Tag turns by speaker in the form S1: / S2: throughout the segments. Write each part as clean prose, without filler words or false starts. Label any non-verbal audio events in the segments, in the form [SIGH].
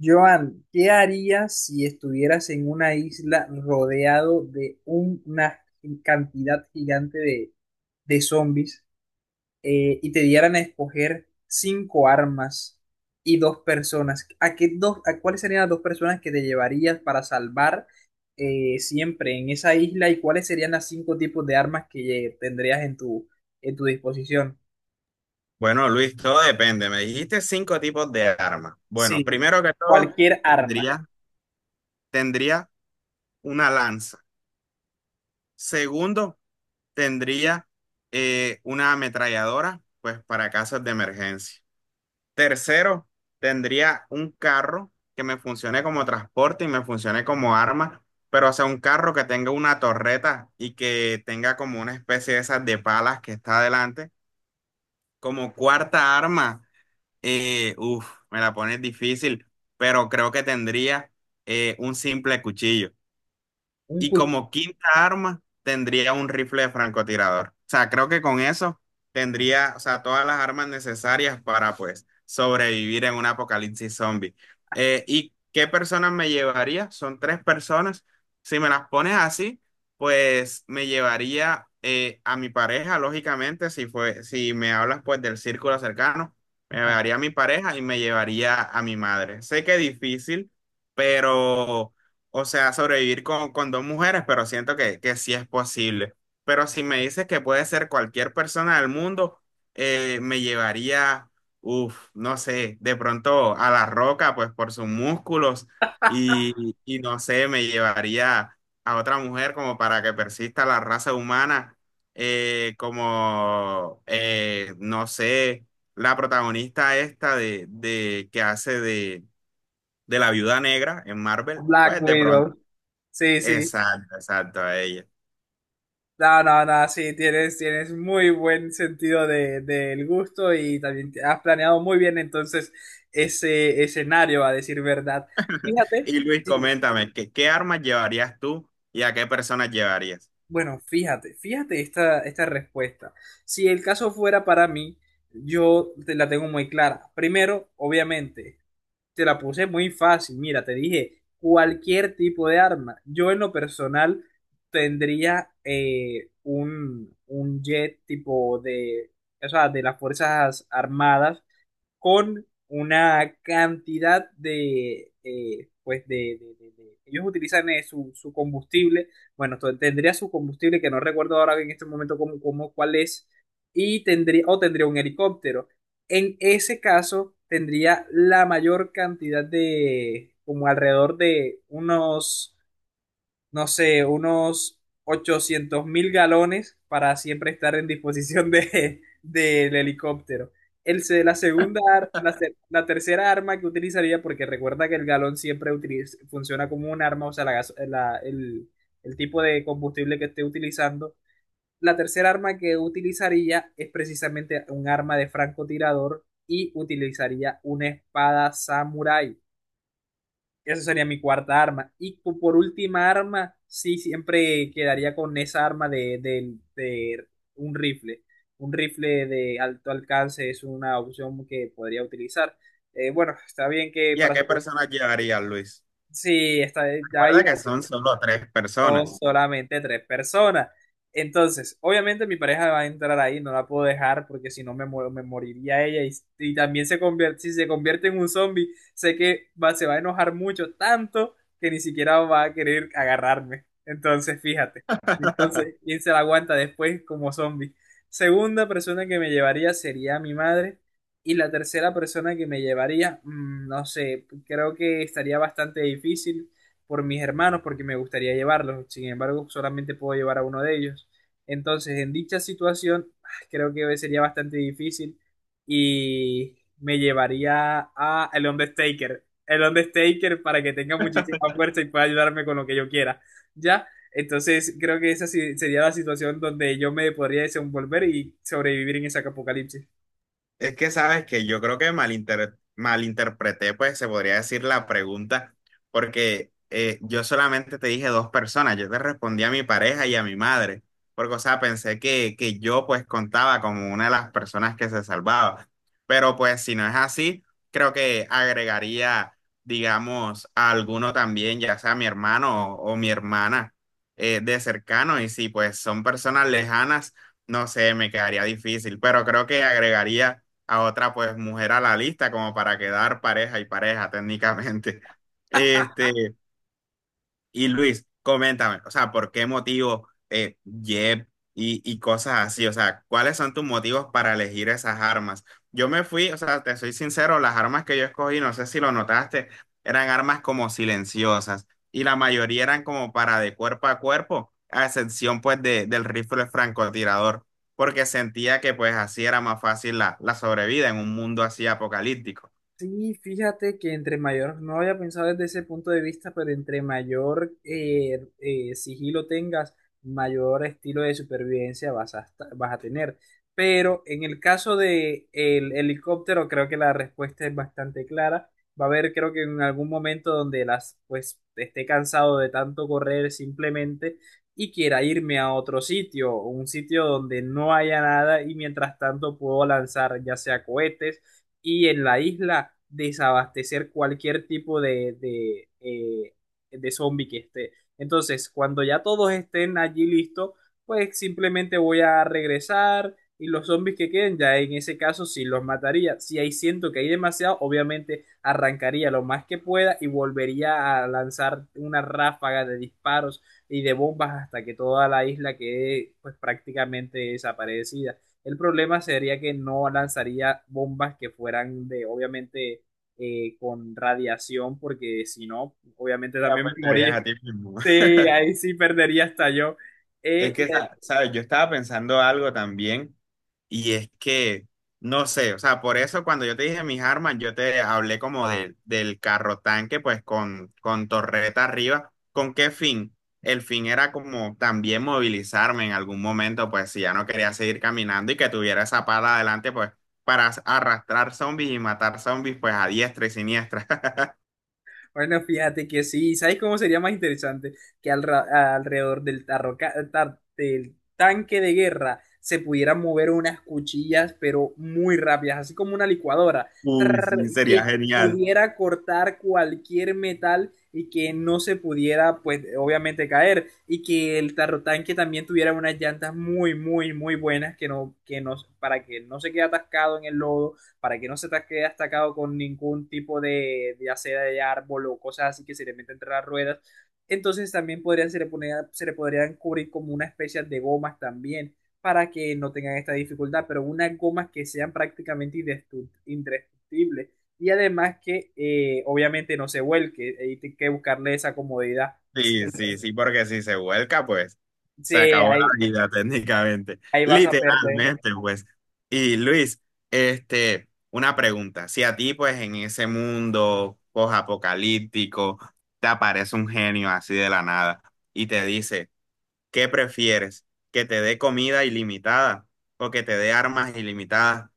S1: Joan, ¿qué harías si estuvieras en una isla rodeado de una cantidad gigante de zombies, y te dieran a escoger cinco armas y dos personas? ¿A qué dos, a cuáles serían las dos personas que te llevarías para salvar, siempre en esa isla, y cuáles serían las cinco tipos de armas que tendrías en tu disposición?
S2: Bueno, Luis, todo depende. Me dijiste cinco tipos de armas. Bueno,
S1: Sí,
S2: primero que todo,
S1: cualquier arma,
S2: tendría, tendría una lanza. Segundo, tendría una ametralladora, pues para casos de emergencia. Tercero, tendría un carro que me funcione como transporte y me funcione como arma, pero o sea, un carro que tenga una torreta y que tenga como una especie de esas de palas que está adelante. Como cuarta arma. Uf, me la pones difícil, pero creo que tendría un simple cuchillo.
S1: un
S2: Y
S1: cuchillo,
S2: como quinta arma, tendría un rifle de francotirador. O sea, creo que con eso tendría, o sea, todas las armas necesarias para, pues, sobrevivir en un apocalipsis zombie. ¿Y qué personas me llevaría? Son tres personas. Si me las pones así, pues me llevaría a mi pareja, lógicamente, si fue, si me hablas, pues, del círculo cercano, me
S1: ajá,
S2: llevaría a mi pareja y me llevaría a mi madre. Sé que es difícil, pero... O sea, sobrevivir con dos mujeres, pero siento que sí es posible. Pero si me dices que puede ser cualquier persona del mundo, me llevaría, uff, no sé, de pronto a La Roca, pues por sus músculos, y no sé, me llevaría a otra mujer como para que persista la raza humana, no sé, la protagonista esta de que hace de la viuda negra en Marvel,
S1: Black
S2: pues de pronto.
S1: Widow. Sí, sí.
S2: Exacto, exacto, a ella.
S1: No, no, no, sí, tienes muy buen sentido del gusto, y también has planeado muy bien entonces ese escenario, a decir verdad.
S2: Y
S1: Fíjate,
S2: Luis,
S1: sí,
S2: coméntame, ¿qué, qué armas llevarías tú y a qué personas llevarías?
S1: bueno, fíjate esta respuesta. Si el caso fuera para mí, yo te la tengo muy clara. Primero, obviamente, te la puse muy fácil. Mira, te dije, cualquier tipo de arma. Yo en lo personal tendría, un jet tipo de, o sea, de las Fuerzas Armadas, con una cantidad de, pues de ellos utilizan, su combustible. Bueno, tendría su combustible, que no recuerdo ahora en este momento cómo, cuál es, y tendría, o tendría un helicóptero. En ese caso, tendría la mayor cantidad de, como alrededor de unos, no sé, unos 800.000 galones, para siempre estar en disposición de, [LAUGHS] del helicóptero. El, se- la segunda, ar- la, se- la tercera arma que utilizaría, porque recuerda que el galón siempre funciona como un arma, o sea, la gas- la- el tipo de combustible que esté utilizando. La tercera arma que utilizaría es precisamente un arma de francotirador, y utilizaría una espada samurái. Esa sería mi cuarta arma. Y por última arma, sí, siempre quedaría con esa arma de un rifle. Un rifle de alto alcance es una opción que podría utilizar. Bueno, está bien que
S2: ¿Y a
S1: para.
S2: qué personas llevarías, Luis?
S1: Sí, ya
S2: Recuerda
S1: iba,
S2: que son solo tres
S1: son
S2: personas.
S1: solamente tres personas. Entonces, obviamente mi pareja va a entrar ahí, no la puedo dejar, porque si no me muero, me moriría ella. Y, si se convierte en un zombie, sé que se va a enojar mucho, tanto que ni siquiera va a querer agarrarme. Entonces, fíjate.
S2: [LAUGHS]
S1: Entonces, ¿quién se la aguanta después como zombie? Segunda persona que me llevaría sería mi madre, y la tercera persona que me llevaría, no sé, creo que estaría bastante difícil por mis hermanos, porque me gustaría llevarlos, sin embargo solamente puedo llevar a uno de ellos. Entonces, en dicha situación, ah, creo que sería bastante difícil, y me llevaría a el Undertaker, el Undertaker, para que tenga muchísima fuerza y pueda ayudarme con lo que yo quiera, ¿ya? Entonces, creo que esa sí sería la situación donde yo me podría desenvolver y sobrevivir en ese apocalipsis.
S2: Es que sabes que yo creo que malinterpreté, pues se podría decir la pregunta, porque yo solamente te dije dos personas, yo te respondí a mi pareja y a mi madre, porque o sea, pensé que yo pues contaba como una de las personas que se salvaba, pero pues si no es así, creo que agregaría, digamos, a alguno también, ya sea mi hermano o mi hermana de cercano, y si pues son personas lejanas, no sé, me quedaría difícil, pero creo que agregaría a otra pues mujer a la lista como para quedar pareja y pareja técnicamente.
S1: [LAUGHS]
S2: Este, y Luis, coméntame, o sea, ¿por qué motivo Jeb y cosas así? O sea, ¿cuáles son tus motivos para elegir esas armas? Yo me fui, o sea, te soy sincero, las armas que yo escogí, no sé si lo notaste, eran armas como silenciosas y la mayoría eran como para de cuerpo a cuerpo, a excepción pues de, del rifle francotirador, porque sentía que pues así era más fácil la, la sobrevida en un mundo así apocalíptico.
S1: Sí, fíjate que entre mayor, no había pensado desde ese punto de vista, pero entre mayor, sigilo tengas, mayor estilo de supervivencia vas a tener. Pero en el caso de el helicóptero, creo que la respuesta es bastante clara. Va a haber, creo que en algún momento donde las, pues, esté cansado de tanto correr simplemente, y quiera irme a otro sitio, un sitio donde no haya nada, y mientras tanto puedo lanzar ya sea cohetes, y en la isla desabastecer cualquier tipo de zombie que esté. Entonces, cuando ya todos estén allí listos, pues simplemente voy a regresar, y los zombies que queden, ya en ese caso sí los mataría. Si ahí siento que hay demasiado, obviamente arrancaría lo más que pueda, y volvería a lanzar una ráfaga de disparos y de bombas, hasta que toda la isla quede, pues, prácticamente desaparecida. El problema sería que no lanzaría bombas que fueran obviamente, con radiación, porque si no, obviamente
S2: Te
S1: también me
S2: apuntarías
S1: moría.
S2: a ti mismo. [LAUGHS]
S1: Sí, ahí sí perdería hasta yo.
S2: Es
S1: Eh, y
S2: que, ¿sabes? Yo estaba pensando algo también. Y es que, no sé, o sea, por eso cuando yo te dije mis armas, yo te hablé como del carro tanque, pues con torreta arriba. ¿Con qué fin? El fin era como también movilizarme en algún momento, pues si ya no quería seguir caminando y que tuviera esa pala adelante, pues para arrastrar zombies y matar zombies, pues a diestra y siniestra. [LAUGHS]
S1: Bueno, fíjate que sí. ¿Sabes cómo sería más interesante? Que al alrededor del tanque de guerra, se pudieran mover unas cuchillas, pero muy rápidas, así como una licuadora.
S2: Uy,
S1: Trrr,
S2: sí, sería
S1: que
S2: genial.
S1: pudiera cortar cualquier metal, y que no se pudiera, pues, obviamente caer. Y que el tarrotanque también tuviera unas llantas muy, muy, muy buenas, que no, para que no se quede atascado en el lodo, para que no se te quede atacado con ningún tipo de, ya sea de árbol o cosas así que se le meten entre las ruedas. Entonces también podrían, se le, ponía- se le podrían cubrir como una especie de gomas también, para que no tengan esta dificultad, pero unas gomas que sean prácticamente indestructibles, y además que, obviamente, no se vuelque, hay que buscarle esa comodidad. Sí,
S2: Sí, sí, sí, porque si se vuelca, pues se
S1: sí,
S2: acabó la
S1: ahí,
S2: vida [LAUGHS] técnicamente,
S1: ahí vas a perder.
S2: literalmente, pues. Y Luis, este, una pregunta, si a ti, pues, en ese mundo post-apocalíptico, te aparece un genio así de la nada y te dice, ¿qué prefieres? ¿Que te dé comida ilimitada o que te dé armas ilimitadas?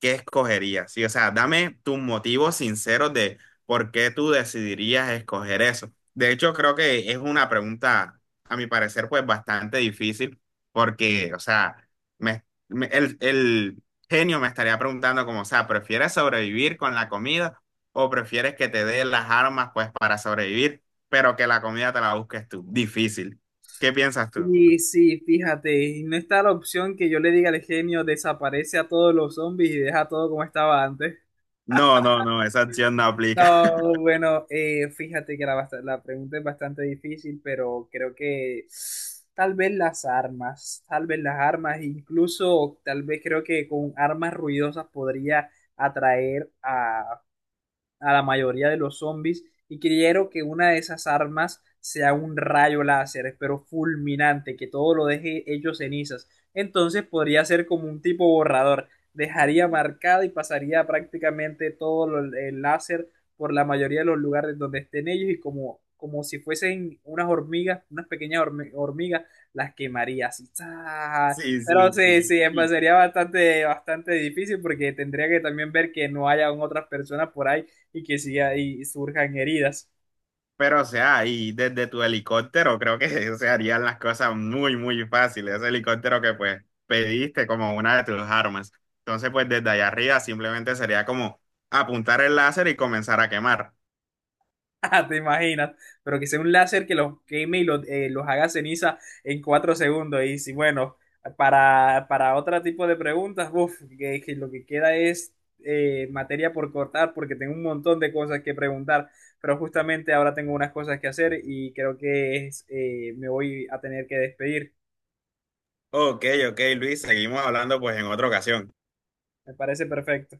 S2: ¿Qué escogerías? Sí, o sea, dame tus motivos sinceros de por qué tú decidirías escoger eso. De hecho, creo que es una pregunta, a mi parecer, pues bastante difícil porque, o sea, el genio me estaría preguntando como, o sea, ¿prefieres sobrevivir con la comida o prefieres que te dé las armas pues para sobrevivir, pero que la comida te la busques tú? Difícil. ¿Qué piensas tú?
S1: Y sí, fíjate, y no está la opción que yo le diga al genio: desaparece a todos los zombies y deja todo como estaba antes.
S2: No, no, no, esa acción no aplica. [LAUGHS]
S1: No, bueno, fíjate que la pregunta es bastante difícil, pero creo que tal vez las armas, tal vez las armas, incluso tal vez creo que con armas ruidosas podría atraer a la mayoría de los zombies. Y quiero que una de esas armas sea un rayo láser, pero fulminante, que todo lo deje hecho cenizas. Entonces podría ser como un tipo borrador, dejaría marcado y pasaría prácticamente todo el láser por la mayoría de los lugares donde estén ellos, y como, si fuesen unas hormigas, unas pequeñas hormigas, las quemaría así. ¡Za!
S2: Sí,
S1: Pero
S2: sí,
S1: sí,
S2: sí.
S1: sí,
S2: Y-
S1: sería bastante, bastante difícil, porque tendría que también ver que no hayan otras personas por ahí, y que sí ahí surjan heridas. [LAUGHS]
S2: Pero, o sea, y desde tu helicóptero creo que [LAUGHS] se harían las cosas muy, muy fáciles. Ese helicóptero que pues pediste como una de tus armas. Entonces, pues desde allá arriba simplemente sería como apuntar el láser y comenzar a quemar.
S1: Ah, te imaginas, pero que sea un láser que los queme y los haga ceniza en 4 segundos. Y si, bueno, para otro tipo de preguntas, uf, que lo que queda es, materia por cortar, porque tengo un montón de cosas que preguntar, pero justamente ahora tengo unas cosas que hacer, y creo que me voy a tener que despedir.
S2: Ok, ok, Luis, seguimos hablando pues en otra ocasión.
S1: Me parece perfecto.